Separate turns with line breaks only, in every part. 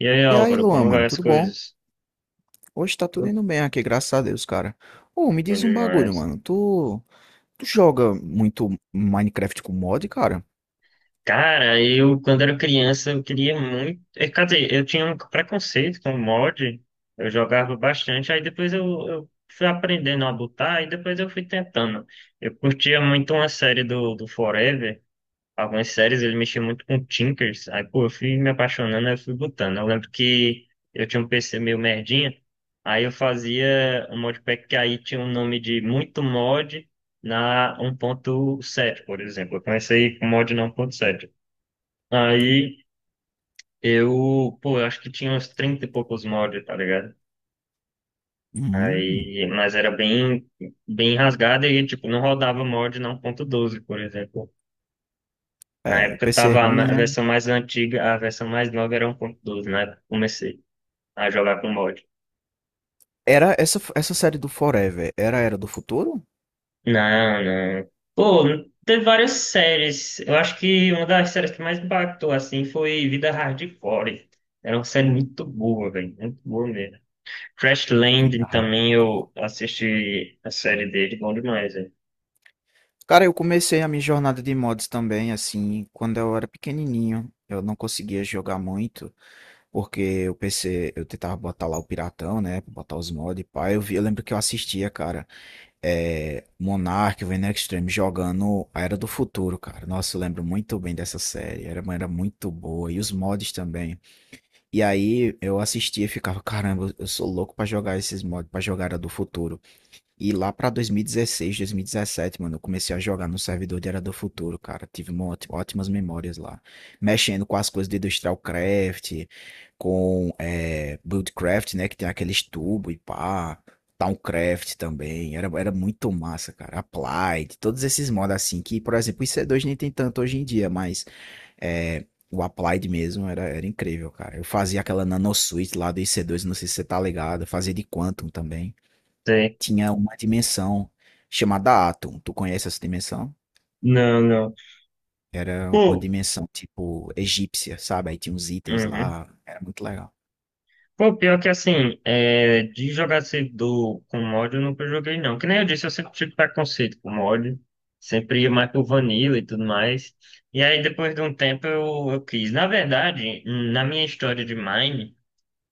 E aí,
E aí,
Álvaro,
Luan,
como vai
mano,
as
tudo bom?
coisas?
Hoje tá tudo
Tudo.
indo bem aqui, graças a Deus, cara. Ô, me
Bom
diz um bagulho,
demais.
mano. Tu joga muito Minecraft com mod, cara?
Cara, eu, quando era criança, eu queria muito. Quer dizer, eu tinha um preconceito com mod, eu jogava bastante, aí depois eu fui aprendendo a botar, e depois eu fui tentando. Eu curtia muito uma série do Forever, algumas séries ele mexia muito com Tinkers. Aí, pô, eu fui me apaixonando, aí eu fui botando. Eu lembro que eu tinha um PC meio merdinha, aí eu fazia um modpack que aí tinha o nome de muito mod na 1.7 por exemplo. Eu comecei com mod na 1.7. Aí eu, pô, eu acho que tinha uns 30 e poucos mods, tá ligado?
Hum,
Aí, mas era bem, bem rasgada e, tipo, não rodava mod na um ponto doze por exemplo. Na
é,
época
PC
tava
ruim,
a
né?
versão mais antiga, a versão mais nova era 1.12, na época que comecei a jogar com mod.
Era essa série do Forever, era a Era do Futuro?
Não, não. Pô, teve várias séries. Eu acho que uma das séries que mais impactou, assim, foi Vida Hardcore. Era uma série muito boa, velho. Muito boa mesmo. Crash Landing
Vida
também eu
hardcore.
assisti a série dele, bom demais, velho.
Cara, eu comecei a minha jornada de mods também, assim, quando eu era pequenininho. Eu não conseguia jogar muito, porque o PC, eu tentava botar lá o piratão, né? Botar os mods, pá. Eu vi, eu lembro que eu assistia, cara. Monark, Venom Extreme jogando a Era do Futuro, cara. Nossa, eu lembro muito bem dessa série. Era, era muito boa. E os mods também. E aí eu assistia e ficava, caramba, eu sou louco pra jogar esses mods, pra jogar a Era do Futuro. E lá pra 2016, 2017, mano, eu comecei a jogar no servidor de Era do Futuro, cara. Tive ótimas memórias lá. Mexendo com as coisas de Industrial Craft, com Buildcraft, né? Que tem aqueles tubos e pá. Towncraft também. Era muito massa, cara. Applied, todos esses mods assim, que, por exemplo, o IC2 nem tem tanto hoje em dia, mas é, o Applied mesmo era incrível, cara. Eu fazia aquela Nano Suite lá do IC2, não sei se você tá ligado. Eu fazia de Quantum também.
Sei.
Tinha uma dimensão chamada Atum. Tu conhece essa dimensão?
Não, não.
Era uma
Pô.
dimensão tipo egípcia, sabe? Aí tinha uns itens
Uhum.
lá, era muito legal.
Pô, pior que assim, de jogar servidor com mod eu nunca joguei não. Que nem eu disse, eu sempre tive preconceito com mod. Sempre ia mais pro Vanilla e tudo mais. E aí depois de um tempo eu quis. Na verdade, na minha história de Mine,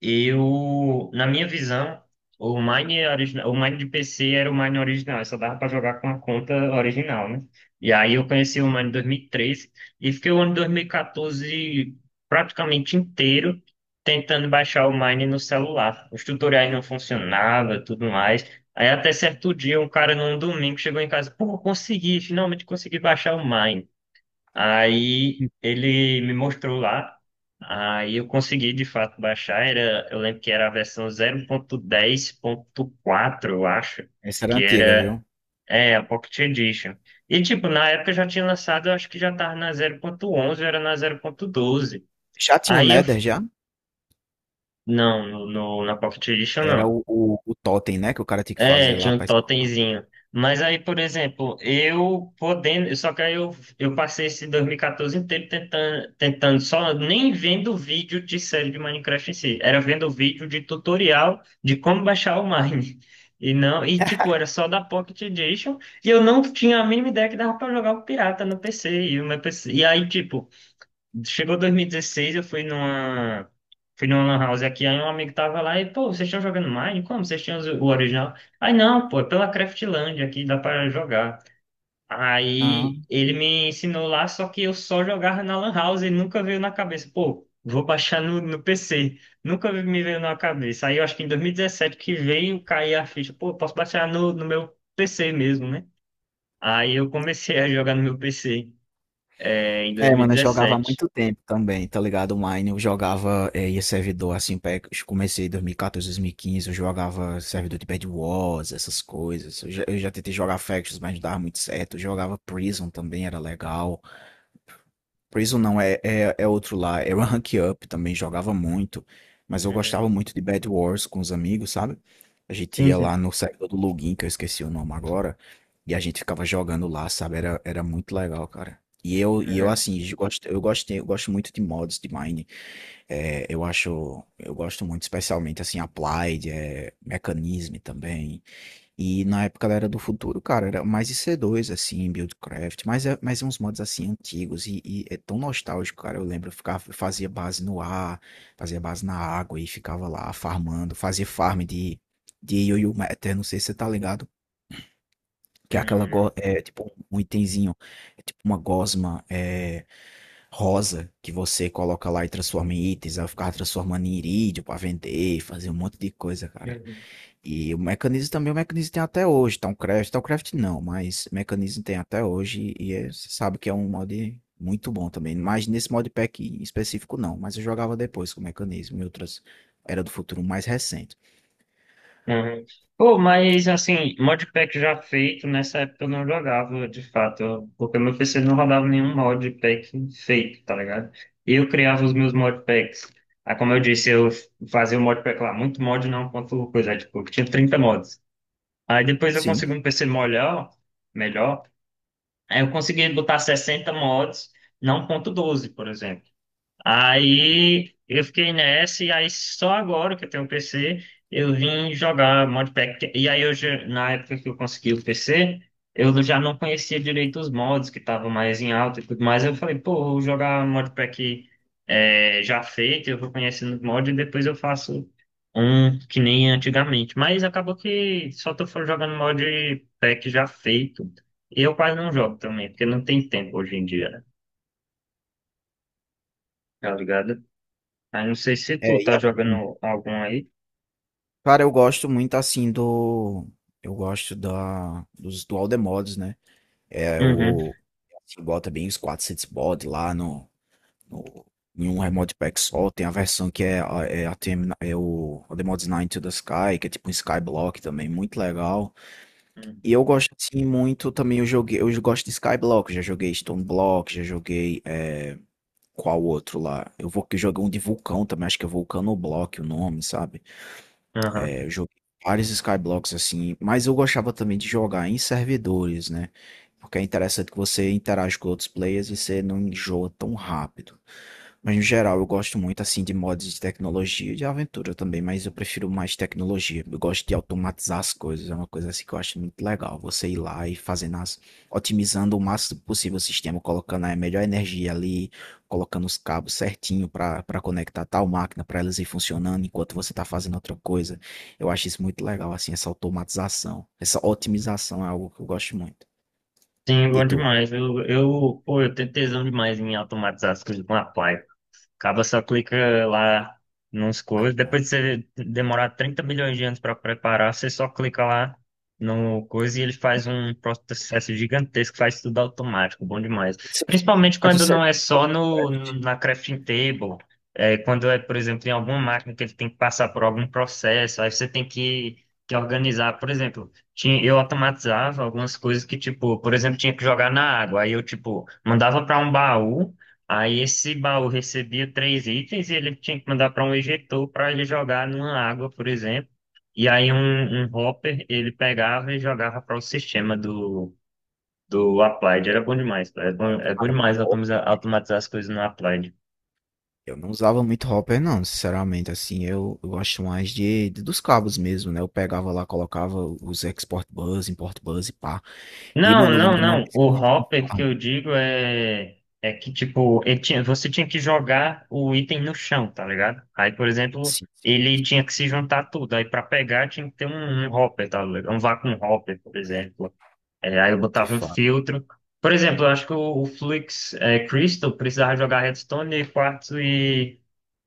eu, na minha visão, o Mine original, o Mine de PC era o Mine original, só dava para jogar com a conta original, né? E aí eu conheci o Mine em 2013 e treze e fiquei o ano 2014 praticamente inteiro tentando baixar o Mine no celular. Os tutoriais não funcionavam, tudo mais. Aí até certo dia, um cara num domingo chegou em casa, pô, finalmente consegui baixar o Mine. Aí ele me mostrou lá, aí eu consegui de fato baixar, eu lembro que era a versão 0.10.4, eu acho,
Essa era
que
antiga,
era,
viu?
a Pocket Edition. E tipo, na época já tinha lançado, eu acho que já tava na 0.11, era na 0.12.
Já tinha o
Aí eu,
Nether já?
não, na Pocket Edition
Era
não.
o totem, né? Que o cara tinha que
É,
fazer lá
tinha um
pra spawnar.
totemzinho. Mas aí, por exemplo, eu podendo, só que aí eu passei esse 2014 inteiro tentando só nem vendo vídeo de série de Minecraft em si, era vendo vídeo de tutorial de como baixar o Mine. E não, e tipo, era só da Pocket Edition, e eu não tinha a mínima ideia que dava pra jogar o pirata no PC, e o meu PC, e aí tipo, chegou 2016, eu fui numa. Fui numa lan house aqui, aí um amigo tava lá e, pô, vocês estão jogando Mine? Como? Vocês tinham o original? Aí, não, pô, é pela Craftland aqui, dá pra jogar.
Ah,
Aí ele me ensinou lá, só que eu só jogava na lan house e nunca veio na cabeça. Pô, vou baixar no PC. Nunca me veio na cabeça. Aí eu acho que em 2017 que veio cair a ficha. Pô, posso baixar no meu PC mesmo, né? Aí eu comecei a jogar no meu PC, em
é, mano, eu jogava há
2017.
muito tempo também, tá ligado? Online, eu jogava, ia servidor assim, eu comecei em 2014, 2015, eu jogava servidor de Bed Wars, essas coisas. Eu já tentei jogar Factions, mas não dava muito certo. Eu jogava Prison também, era legal. Prison não, é outro lá. Era Rank Up também, jogava muito. Mas eu
Uhum.
gostava muito de Bed Wars com os amigos, sabe? A gente
Sim,
ia lá
sim.
no servidor do Login, que eu esqueci o nome agora. E a gente ficava jogando lá, sabe? Era muito legal, cara. E eu
Uhum,
assim, eu gosto muito de mods de Mine. Eu gosto muito, especialmente assim, Applied, Mechanism também. E na época ela era do futuro, cara, era mais IC2, assim, Buildcraft, mas, mas é uns mods, assim, antigos, e é tão nostálgico, cara, eu lembro, eu ficava, eu fazia base no ar, fazia base na água, e ficava lá farmando, fazia farm de Yoyo Matter, não sei se você tá ligado, que é aquela,
uhum,
é tipo um itemzinho, é tipo uma rosa, que você coloca lá e transforma em itens, aí eu ficava transformando em irídio pra vender, fazia um monte de coisa, cara.
uhum,
E o mecanismo também, o mecanismo tem até hoje, Towncraft, Towncraft não, mas mecanismo tem até hoje você sabe que é um mod muito bom também, mas nesse modpack em específico não, mas eu jogava depois com o mecanismo e outras Era do Futuro mais recente.
uhum. Pô, mas assim, modpack já feito, nessa época eu não jogava de fato, porque meu PC não rodava nenhum modpack feito, tá ligado? Eu criava os meus modpacks. Aí, como eu disse, eu fazia o modpack lá, muito mod não, quanto coisa, tipo, tinha 30 mods. Aí depois eu
Sim,
consegui um PC melhor, melhor, aí eu consegui botar 60 mods, não ponto 12 por exemplo. Aí eu fiquei nessa, e aí só agora que eu tenho um PC, eu vim jogar modpack. E aí eu, na época que eu consegui o PC, eu já não conhecia direito os mods que estavam mais em alta e tudo mais. Eu falei, pô, vou jogar modpack já feito, eu vou conhecendo os mods e depois eu faço um que nem antigamente. Mas acabou que só tô jogando modpack já feito. E eu quase não jogo também, porque não tem tempo hoje em dia, né? Tá ligado? Ah, não sei se tu
é, e
tá
assim,
jogando algum aí.
cara, eu gosto muito assim do, eu gosto da, dos dual the mods, né, é
Uhum.
o, assim, bota bem os 400 mods lá no- em um remote pack só. Tem a versão que é, ATM, é o the mods 9 to the Sky, que é tipo um Skyblock também, muito legal.
Uhum.
E eu gosto assim muito também, eu gosto de Skyblock, já joguei Stone Block, já joguei qual outro lá? Eu vou que joguei um de vulcão também, acho que é Vulcanoblock o nome, sabe?
Aham.
É, eu joguei vários Skyblocks assim, mas eu gostava também de jogar em servidores, né? Porque é interessante que você interage com outros players e você não enjoa tão rápido. Mas no geral, eu gosto muito assim de mods de tecnologia e de aventura também, mas eu prefiro mais tecnologia. Eu gosto de automatizar as coisas, é uma coisa assim que eu acho muito legal. Você ir lá e fazendo as, otimizando o máximo possível o sistema, colocando a melhor energia ali, colocando os cabos certinho para conectar tal máquina, para elas ir funcionando enquanto você está fazendo outra coisa. Eu acho isso muito legal assim, essa automatização, essa otimização é algo que eu gosto muito.
Sim,
E
bom
tu?
demais. Eu, pô, eu tenho tesão demais em automatizar as coisas com a Apply. Acaba só clica lá nos coisas. Depois de você demorar 30 milhões de anos para preparar, você só clica lá no coisa e ele faz um processo gigantesco, faz tudo automático, bom demais.
Você
Principalmente
faz o
quando não
setup
é
do
só
AutoCraft,
na crafting table, quando é, por exemplo, em alguma máquina que ele tem que passar por algum processo, aí você tem que organizar. Por exemplo, tinha, eu automatizava algumas coisas que, tipo, por exemplo, tinha que jogar na água, aí eu, tipo, mandava para um baú. Aí esse baú recebia três itens e ele tinha que mandar para um ejetor para ele jogar numa água, por exemplo. E aí um hopper ele pegava e jogava para o sistema do Applied. Era bom demais, cara. É bom
cara, uma
demais
obra.
automatizar as coisas no Applied.
Eu não usava muito hopper, não, sinceramente. Assim, eu gosto mais dos cabos mesmo, né? Eu pegava lá, colocava os export bus, import bus e pá. E,
Não,
mano, eu
não,
lembro de uma
não.
vez que
O
eu fiz uma
hopper que
farm,
eu digo é que, tipo, ele tinha, você tinha que jogar o item no chão, tá ligado? Aí, por exemplo,
assim,
ele tinha que se juntar tudo. Aí, para pegar, tinha que ter um hopper, tá ligado? Um vacuum hopper, por exemplo. É, aí eu
de
botava um
fato.
filtro. Por exemplo, eu acho que o Flux Crystal precisava jogar redstone e quartzo e,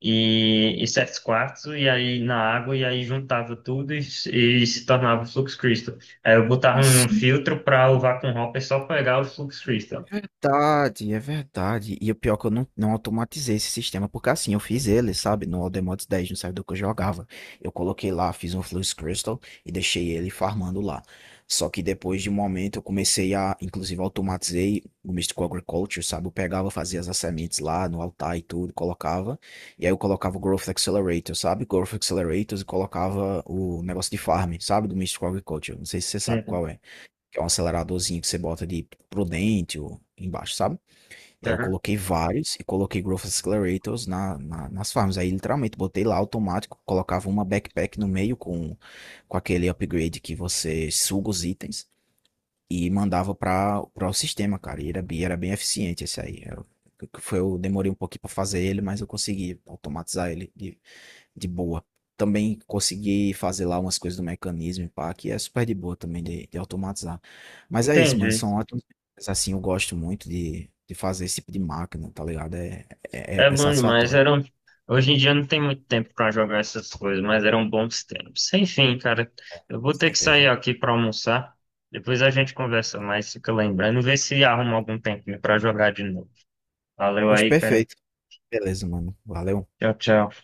e, e sete quartzo e aí na água e aí juntava tudo e se tornava o Flux Crystal. Aí eu botava um filtro para o Vacuum Hopper só pegar o Flux
É
Crystal.
verdade, é verdade. E o pior é que eu não automatizei esse sistema, porque assim, eu fiz ele, sabe, no Aldemotes 10, no servidor que eu jogava. Eu coloquei lá, fiz um Flux Crystal e deixei ele farmando lá. Só que depois de um momento eu comecei a, inclusive, automatizei o Mystical Agriculture, sabe? Eu pegava, fazia as sementes lá no altar e tudo, colocava. E aí eu colocava o Growth Accelerator, sabe? Growth Accelerators e colocava o negócio de farm, sabe? Do Mystical Agriculture. Não sei se você sabe
Entendi.
qual é que é um aceleradorzinho que você bota de prudente ou embaixo, sabe? E aí eu
Aham.
coloquei vários e coloquei Growth Accelerators nas farms. Aí literalmente botei lá automático, colocava uma backpack no meio com aquele upgrade que você suga os itens e mandava para o sistema, cara. E era, era bem eficiente esse aí. Eu demorei um pouquinho para fazer ele, mas eu consegui automatizar ele de boa. Também consegui fazer lá umas coisas do mecanismo, e pá, que é super de boa também de automatizar. Mas é isso, mano,
Entendi.
são ótimos. Mas, assim, eu gosto muito de fazer esse tipo de máquina, tá ligado?
É
É
bom demais.
satisfatório,
Hoje em dia não tem muito tempo pra jogar essas coisas, mas eram bons tempos. Enfim, cara,
com
eu vou ter que sair
certeza.
aqui pra almoçar. Depois a gente conversa mais, fica lembrando, vê se arruma algum tempinho pra jogar de novo. Valeu
Poxa,
aí, cara.
perfeito. Beleza, mano. Valeu.
Tchau, tchau.